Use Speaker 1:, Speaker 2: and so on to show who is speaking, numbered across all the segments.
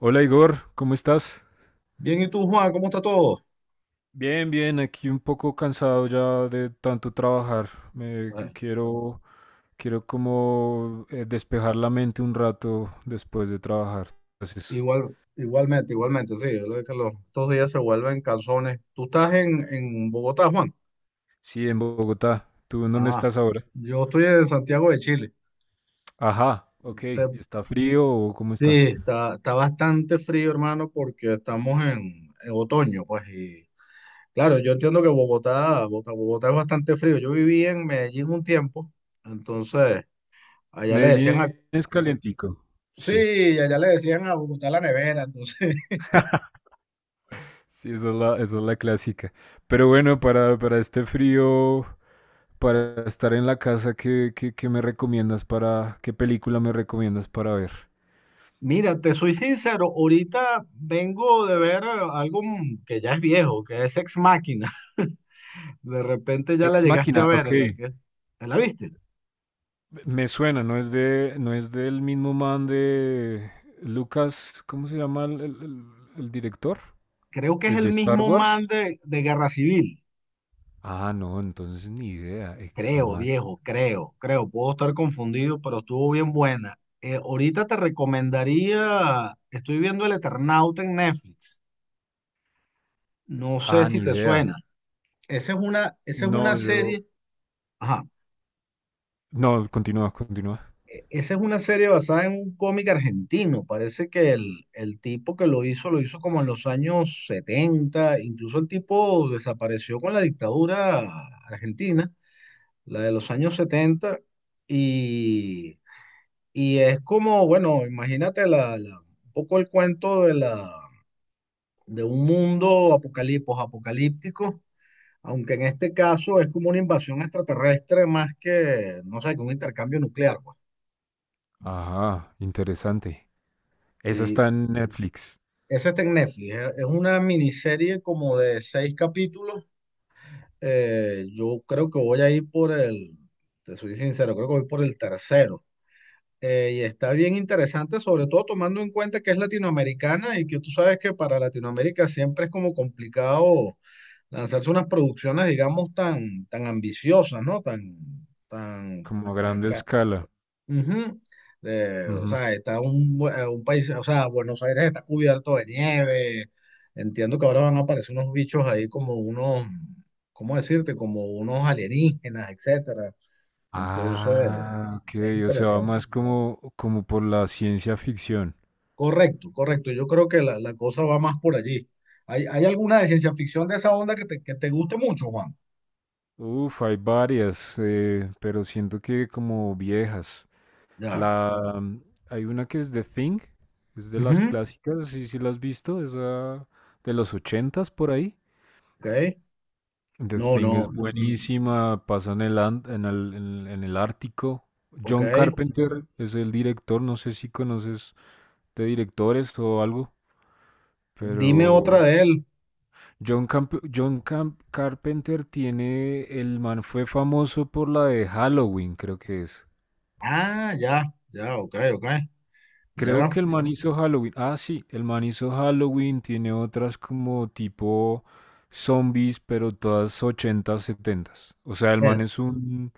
Speaker 1: Hola Igor, ¿cómo estás?
Speaker 2: Bien, ¿y tú, Juan? ¿Cómo está todo?
Speaker 1: Bien, aquí un poco cansado ya de tanto trabajar. Me
Speaker 2: Eh,
Speaker 1: quiero, quiero como despejar la mente un rato después de trabajar. Entonces,
Speaker 2: igual, igualmente, igualmente, sí. Yo lo que los, estos días se vuelven calzones. ¿Tú estás en Bogotá, Juan?
Speaker 1: sí, en Bogotá. ¿Tú en dónde
Speaker 2: Ah,
Speaker 1: estás ahora?
Speaker 2: yo estoy en Santiago de Chile.
Speaker 1: Ajá, ok.
Speaker 2: Se-
Speaker 1: ¿Está frío o cómo
Speaker 2: Sí,
Speaker 1: está?
Speaker 2: está bastante frío, hermano, porque estamos en otoño, pues. Y claro, yo entiendo que Bogotá, Bogotá, Bogotá es bastante frío. Yo viví en Medellín un tiempo, entonces allá le decían a.
Speaker 1: Medellín es calientico. Sí,
Speaker 2: Sí, allá le decían a Bogotá la nevera, entonces.
Speaker 1: sí, esa es la clásica. Pero bueno, para este frío. Para estar en la casa, ¿qué me recomiendas qué película me recomiendas para ver?
Speaker 2: Mira, te soy sincero, ahorita vengo de ver algo, que ya es viejo, que es Ex Machina. De repente ya la
Speaker 1: Ex
Speaker 2: llegaste a
Speaker 1: Máquina,
Speaker 2: ver,
Speaker 1: ok.
Speaker 2: la que te la viste.
Speaker 1: Me suena, no es del mismo man de Lucas, ¿cómo se llama el director?
Speaker 2: Creo que es
Speaker 1: ¿El
Speaker 2: el
Speaker 1: de Star
Speaker 2: mismo man
Speaker 1: Wars?
Speaker 2: de Guerra Civil.
Speaker 1: Ah, no, entonces ni idea. Ex
Speaker 2: Creo,
Speaker 1: Máquina.
Speaker 2: viejo, creo, creo. Puedo estar confundido, pero estuvo bien buena. Ahorita te recomendaría, estoy viendo El Eternauta en Netflix. No sé
Speaker 1: Ah,
Speaker 2: si
Speaker 1: ni
Speaker 2: te
Speaker 1: idea.
Speaker 2: suena. Esa es una, esa es
Speaker 1: No,
Speaker 2: una
Speaker 1: yo.
Speaker 2: serie. Ajá.
Speaker 1: No, continúa.
Speaker 2: Esa es una serie basada en un cómic argentino. Parece que el tipo que lo hizo como en los años 70. Incluso el tipo desapareció con la dictadura argentina, la de los años 70. Y, y es como, bueno, imagínate la, un poco el cuento de un mundo apocalipos apocalíptico. Aunque en este caso es como una invasión extraterrestre más que, no sé, que un intercambio nuclear, pues.
Speaker 1: Ajá, interesante. Esa
Speaker 2: Sí,
Speaker 1: está en Netflix,
Speaker 2: esa está en Netflix. Es una miniserie como de seis capítulos. Yo creo que voy a ir por el, te soy sincero, creo que voy por el tercero. Y está bien interesante, sobre todo tomando en cuenta que es latinoamericana y que tú sabes que para Latinoamérica siempre es como complicado lanzarse unas producciones, digamos, tan, tan ambiciosas, ¿no? Tan,
Speaker 1: como a
Speaker 2: eh,
Speaker 1: grande
Speaker 2: ca-
Speaker 1: escala.
Speaker 2: Ujú. O sea, está un país, o sea, Buenos Aires está cubierto de nieve. Entiendo que ahora van a aparecer unos bichos ahí como unos, ¿cómo decirte? Como unos alienígenas, etcétera. Entonces,
Speaker 1: Ah, ok,
Speaker 2: es
Speaker 1: o sea, va
Speaker 2: interesante.
Speaker 1: más como por la ciencia ficción.
Speaker 2: Correcto, correcto. Yo creo que la cosa va más por allí. ¿Hay alguna de ciencia ficción de esa onda que te, guste mucho, Juan?
Speaker 1: Uf, hay varias, pero siento que como viejas.
Speaker 2: Ya.
Speaker 1: La, mm, hay una que es The Thing, es de las
Speaker 2: Ujú.
Speaker 1: clásicas, sí, sí la has visto, esa de los ochentas por ahí.
Speaker 2: Ok.
Speaker 1: The
Speaker 2: No,
Speaker 1: Thing es
Speaker 2: no.
Speaker 1: Ujú, buenísima, pasa en el, an- en el Ártico.
Speaker 2: Ok.
Speaker 1: John Carpenter es el director, no sé si conoces de directores o algo,
Speaker 2: Dime otra
Speaker 1: pero
Speaker 2: de él.
Speaker 1: Carpenter tiene, el man fue famoso por la de Halloween, creo que es.
Speaker 2: Ah, ya, ya, ok, ok.
Speaker 1: Creo
Speaker 2: Ya.
Speaker 1: que el man hizo Halloween. Ah, sí, el man hizo Halloween, tiene otras como tipo zombies, pero todas ochentas setentas. O sea, el man
Speaker 2: Eh,
Speaker 1: es un,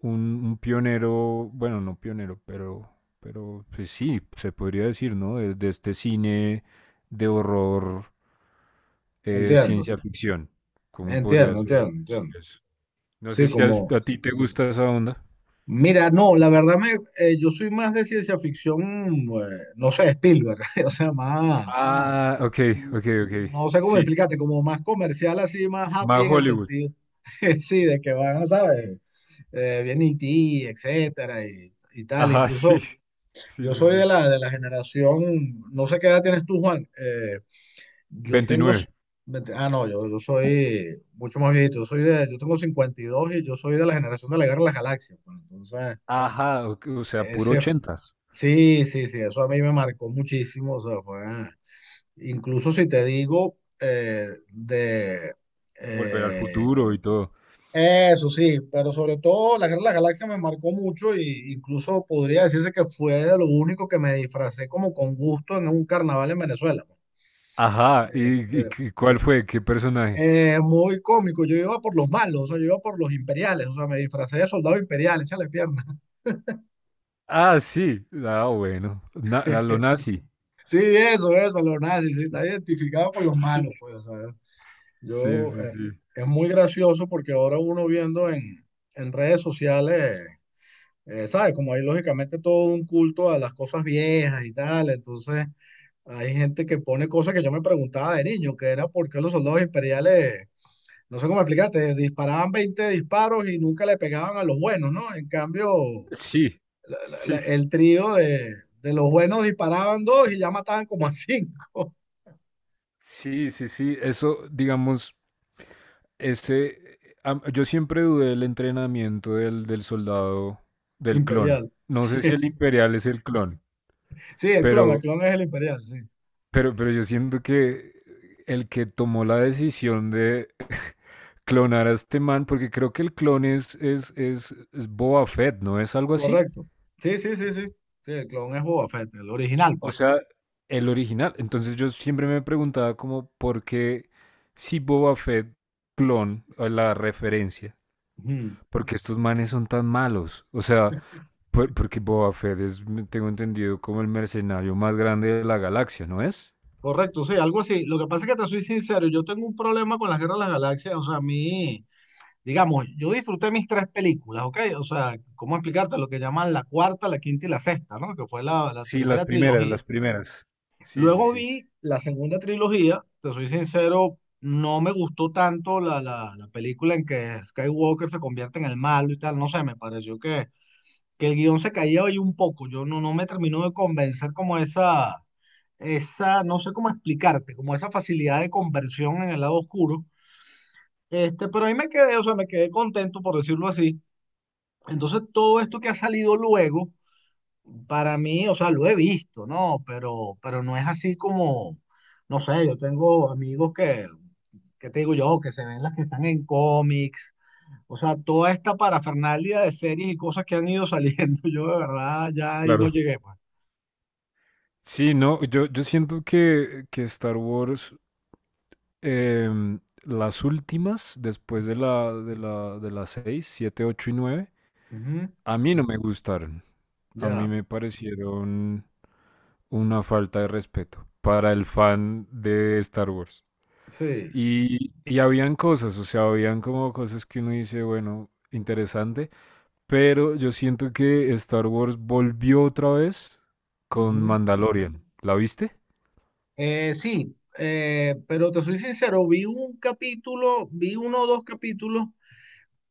Speaker 1: un, un pionero, bueno, no pionero, pero pues sí, se podría decir, ¿no? De este cine de horror,
Speaker 2: Entiendo,
Speaker 1: ciencia ficción. ¿Cómo podría
Speaker 2: entiendo,
Speaker 1: ser?
Speaker 2: entiendo,
Speaker 1: Sí,
Speaker 2: entiendo.
Speaker 1: es. No sé
Speaker 2: Sí,
Speaker 1: si
Speaker 2: como,
Speaker 1: a ti te gusta esa onda.
Speaker 2: mira, no, la verdad me, yo soy más de ciencia ficción, no sé, Spielberg, o sea, más,
Speaker 1: Ah, ok, ok, ok.
Speaker 2: no sé cómo
Speaker 1: Sí.
Speaker 2: explicarte, como más comercial, así, más happy
Speaker 1: Más
Speaker 2: en el
Speaker 1: Hollywood.
Speaker 2: sentido, sí, de que van, ¿sabes? Viene E.T., etcétera, y tal.
Speaker 1: Ajá,
Speaker 2: Incluso
Speaker 1: sí. Sí,
Speaker 2: yo
Speaker 1: sí,
Speaker 2: soy de
Speaker 1: sí.
Speaker 2: la, de la generación, no sé qué edad tienes tú, Juan, Yo tengo,
Speaker 1: 29.
Speaker 2: s- vete- ah, no, yo soy mucho más viejito, yo tengo 52 y yo soy de la generación de la Guerra de las Galaxias, pues, entonces,
Speaker 1: Ajá, o sea, puro
Speaker 2: ese,
Speaker 1: ochentas.
Speaker 2: sí, sí, sí, eso a mí me marcó muchísimo, o sea, fue, incluso si te digo,
Speaker 1: Volver al
Speaker 2: eh,
Speaker 1: futuro y todo.
Speaker 2: eso sí, pero sobre todo la Guerra de las Galaxias me marcó mucho y incluso podría decirse que fue de lo único que me disfracé como con gusto en un carnaval en Venezuela, pues.
Speaker 1: Ajá, y
Speaker 2: Este,
Speaker 1: qué- cuál fue? ¿Qué personaje?
Speaker 2: Muy cómico, yo iba por los malos, o sea, yo iba por los imperiales, o sea, me disfracé de soldado imperial, échale pierna.
Speaker 1: Ah, sí. Ah, bueno. Na- a lo nazi.
Speaker 2: Sí, eso, los nazis, sí,
Speaker 1: Sí,
Speaker 2: está identificado con los malos, pues, o sea,
Speaker 1: sí,
Speaker 2: yo,
Speaker 1: sí,
Speaker 2: eh,
Speaker 1: sí.
Speaker 2: es muy gracioso porque ahora uno viendo en redes sociales, ¿sabes? Como hay lógicamente todo un culto a las cosas viejas y tal, entonces hay gente que pone cosas que yo me preguntaba de niño, que era por qué los soldados imperiales. No sé cómo explicarte, disparaban 20 disparos y nunca le pegaban a los buenos, ¿no? En cambio,
Speaker 1: Sí,
Speaker 2: la- la-
Speaker 1: sí,
Speaker 2: la- el trío de los buenos disparaban dos y ya mataban como a cinco.
Speaker 1: sí, sí, sí. Eso, digamos, ese am- yo siempre dudé del entrenamiento del soldado, del clon.
Speaker 2: Imperial.
Speaker 1: No sé si el imperial es el clon,
Speaker 2: Sí, el clon, el
Speaker 1: pero,
Speaker 2: clon es el imperial, sí.
Speaker 1: pero yo siento que el que tomó la decisión de clonar a este man, porque creo que el clon es Boba Fett, ¿no es algo así?
Speaker 2: Correcto. Sí, sí, sí, sí. Sí, el clon es Boba Fett, el original,
Speaker 1: O
Speaker 2: pues.
Speaker 1: sea, el original. Entonces yo siempre me preguntaba como, ¿por qué si Boba Fett clon, o la referencia?
Speaker 2: Ujú.
Speaker 1: Porque estos manes son tan malos. O sea, porque Boba Fett tengo entendido, como el mercenario más grande de la galaxia, ¿no es?
Speaker 2: Correcto, sí, algo así. Lo que pasa es que te soy sincero, yo tengo un problema con las guerras de las galaxias. O sea, a mí, digamos, yo disfruté mis tres películas, ¿ok? O sea, ¿cómo explicarte lo que llaman la cuarta, la quinta y la sexta? ¿No? Que fue la
Speaker 1: Sí,
Speaker 2: primera trilogía.
Speaker 1: las primeras. Sí, sí,
Speaker 2: Luego
Speaker 1: sí.
Speaker 2: vi la segunda trilogía, te soy sincero, no me gustó tanto la película en que Skywalker se convierte en el malo y tal, no sé, me pareció que el guión se caía ahí un poco, yo no me terminó de convencer como esa, no sé cómo explicarte, como esa facilidad de conversión en el lado oscuro. Este, pero ahí me quedé, o sea, me quedé contento por decirlo así. Entonces, todo esto que ha salido luego, para mí, o sea, lo he visto, ¿no? Pero no es así como, no sé, yo tengo amigos que, te digo yo, que se ven las que están en cómics, o sea, toda esta parafernalia de series y cosas que han ido saliendo, yo de verdad ya ahí no
Speaker 1: Claro.
Speaker 2: llegué, pues.
Speaker 1: Sí, no, yo siento que Star Wars, em, las últimas, después de las 6, 7, 8 y 9,
Speaker 2: Ujú,
Speaker 1: a mí no me gustaron. A
Speaker 2: ya,
Speaker 1: mí me parecieron una falta de respeto para el fan de Star Wars.
Speaker 2: sí.
Speaker 1: Y habían cosas, o sea, habían como cosas que uno dice, bueno, interesante, pero yo siento que Star Wars volvió otra vez con
Speaker 2: Ujú.
Speaker 1: Mandalorian. ¿La viste?
Speaker 2: Sí, pero te soy sincero, vi un capítulo, vi uno o dos capítulos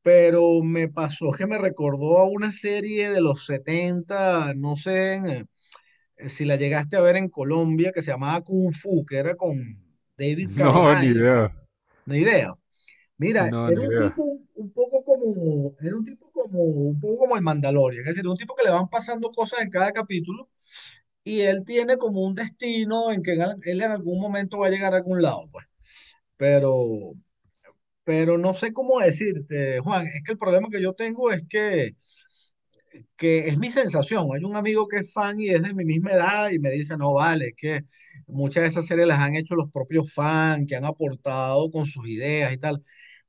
Speaker 2: pero me pasó que me recordó a una serie de los 70 no sé si la llegaste a ver en Colombia, que se llamaba Kung Fu, que era con David
Speaker 1: No, no, ni
Speaker 2: Carradine,
Speaker 1: idea.
Speaker 2: no idea. Mira,
Speaker 1: No,
Speaker 2: era
Speaker 1: ni
Speaker 2: un tipo
Speaker 1: idea.
Speaker 2: un poco como, era un tipo como, un poco como el Mandalorian, es decir, un tipo que le van pasando cosas en cada capítulo y él tiene como un destino en que él en algún momento va a llegar a algún lado, pues. Pero, pero no sé cómo decirte, Juan, es que el problema que yo tengo es que es mi sensación. Hay un amigo que es fan y es de mi misma edad y me dice, no vale, es que muchas de esas series las han hecho los propios fans, que han aportado con sus ideas y tal.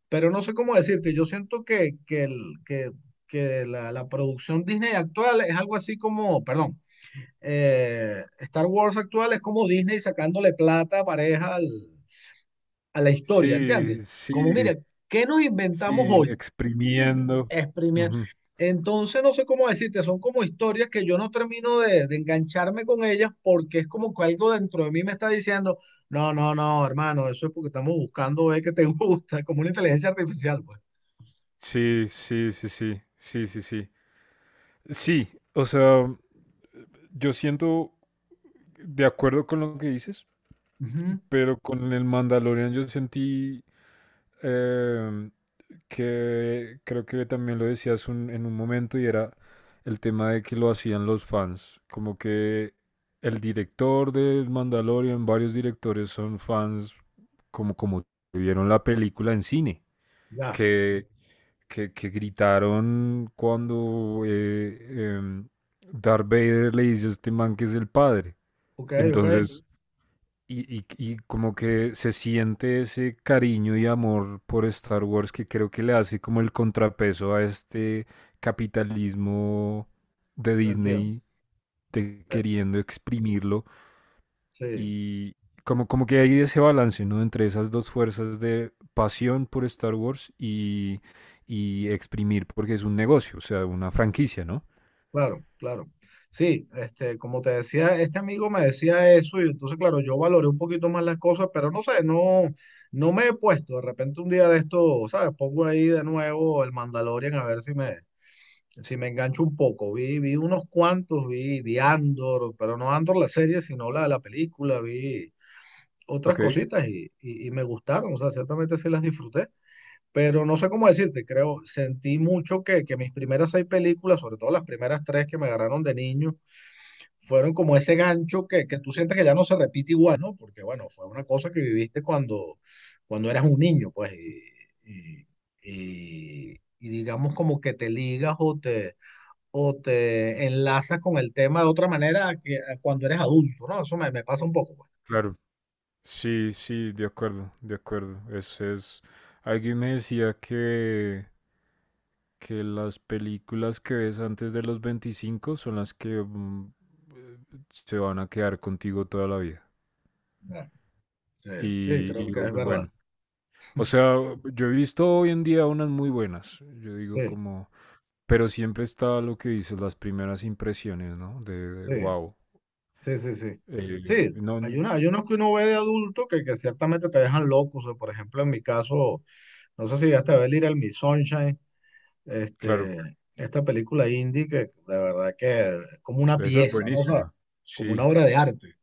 Speaker 2: Pero no sé cómo decirte, yo siento que la producción Disney actual es algo así como, perdón, Star Wars actual es como Disney sacándole plata pareja a la historia, ¿entiendes?
Speaker 1: Sí,
Speaker 2: Como, mira,
Speaker 1: sí,
Speaker 2: ¿qué nos inventamos
Speaker 1: sí,
Speaker 2: hoy?
Speaker 1: exprimiendo.
Speaker 2: Exprimir.
Speaker 1: Ujú.
Speaker 2: Entonces, no sé cómo decirte, son como historias que yo no termino de, engancharme con ellas porque es como que algo dentro de mí me está diciendo, no, no, no, hermano, eso es porque estamos buscando ver qué te gusta, como una inteligencia artificial, pues.
Speaker 1: Sí, sí, sí, sí, sí, sí, sí. Sí, o sea, yo siento de acuerdo con lo que dices,
Speaker 2: Ujú,
Speaker 1: pero con el Mandalorian yo sentí eh, que creo que también lo decías en un momento y era el tema de que lo hacían los fans, como que el director del Mandalorian, varios directores son fans como como vieron la película en cine,
Speaker 2: ya,
Speaker 1: que, que gritaron cuando em, Darth Vader le dice a este man que es el padre.
Speaker 2: ok, ok,
Speaker 1: Entonces y como que se siente ese cariño y amor por Star Wars que creo que le hace como el contrapeso a este capitalismo de
Speaker 2: entiendo.
Speaker 1: Disney de
Speaker 2: Eh,
Speaker 1: queriendo exprimirlo
Speaker 2: Sí.
Speaker 1: y como, como que hay ese balance, ¿no? Entre esas dos fuerzas de pasión por Star Wars y exprimir porque es un negocio, o sea, una franquicia, ¿no?
Speaker 2: Claro, claro. Sí, este, como te decía, este amigo me decía eso y entonces, claro, yo valoré un poquito más las cosas, pero no sé, no, no me he puesto. De repente un día de esto, ¿sabes? Pongo ahí de nuevo el Mandalorian a ver si me, engancho un poco. Vi unos cuantos, vi Andor, pero no Andor la serie, sino la de la película, vi otras
Speaker 1: Ok,
Speaker 2: cositas y me gustaron, o sea, ciertamente sí las disfruté. Pero no sé cómo decirte, creo, sentí mucho que mis primeras seis películas, sobre todo las primeras tres que me agarraron de niño, fueron como ese gancho que tú sientes que ya no se repite igual, ¿no? Porque bueno, fue una cosa que viviste cuando eras un niño, pues, y, y digamos como que te ligas o te, enlazas con el tema de otra manera a que, a cuando eres adulto, ¿no? Eso me pasa un poco, pues.
Speaker 1: claro. Sí, sí, de acuerdo, de acuerdo. Es... Alguien me decía que las películas que ves antes de los 25 son las que eh, se van a quedar contigo toda la vida.
Speaker 2: Ya, sí, sí, creo que es
Speaker 1: Y
Speaker 2: verdad.
Speaker 1: bueno, o sea, yo he visto hoy en día unas muy buenas, yo digo
Speaker 2: Sí,
Speaker 1: como, pero siempre está lo que dices, las primeras impresiones, ¿no? De,
Speaker 2: sí.
Speaker 1: wow.
Speaker 2: Sí, sí, sí. Sí,
Speaker 1: Eh, no,
Speaker 2: hay unos que uno ve de adulto que ciertamente te dejan locos. O sea, por ejemplo, en mi caso, no sé si llegaste a ver Little Miss Sunshine,
Speaker 1: claro,
Speaker 2: este, esta película indie que de verdad que es como una
Speaker 1: esa es
Speaker 2: pieza, ¿no? O sea,
Speaker 1: buenísima.
Speaker 2: como una
Speaker 1: Sí.
Speaker 2: obra de arte.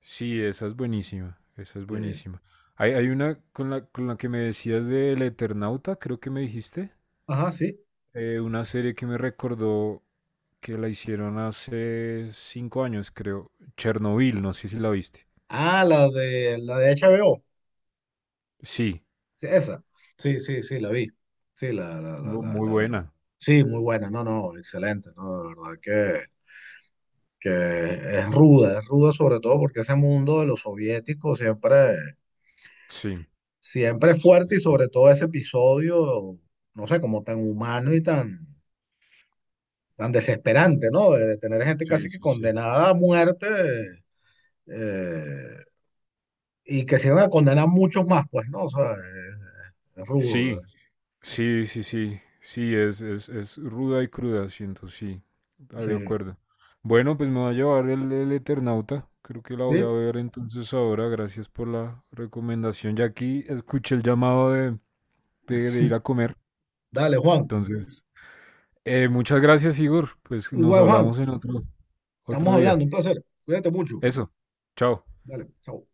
Speaker 1: Sí, esa es buenísima, esa es
Speaker 2: Sí.
Speaker 1: buenísima. Hay una con con la que me decías del Eternauta, creo que me dijiste,
Speaker 2: Ajá, sí.
Speaker 1: una serie que me recordó que la hicieron hace cinco años, creo, Chernobyl, no sé si la viste.
Speaker 2: Ah, la de HBO.
Speaker 1: Sí,
Speaker 2: Sí, esa. Sí, sí, sí, la vi. Sí, la, la, la, la,
Speaker 1: muy
Speaker 2: la vi.
Speaker 1: buena.
Speaker 2: Sí, muy buena. No, no, excelente. No, de verdad que es ruda sobre todo porque ese mundo de los soviéticos siempre,
Speaker 1: Sí,
Speaker 2: siempre es fuerte y sobre todo ese episodio, no sé, como tan humano y tan, tan desesperante, ¿no? De tener gente
Speaker 1: sí,
Speaker 2: casi que
Speaker 1: sí, sí.
Speaker 2: condenada a muerte eh, y que se iban a condenar muchos más, pues, ¿no? O sea, es rudo.
Speaker 1: Sí, sí, sí, sí, sí, es ruda y cruda, siento, sí, ah, de
Speaker 2: Sí.
Speaker 1: acuerdo. Bueno, pues me va a llevar el Eternauta, creo que la voy
Speaker 2: Sí,
Speaker 1: a ver entonces ahora, gracias por la recomendación. Ya aquí escuché el llamado de ir a comer,
Speaker 2: dale, Juan.
Speaker 1: entonces, muchas gracias, Igor, pues nos
Speaker 2: Igual, Juan,
Speaker 1: hablamos en otro,
Speaker 2: estamos
Speaker 1: otro día.
Speaker 2: hablando, un placer. Cuídate mucho.
Speaker 1: Eso, chao.
Speaker 2: Dale, chao.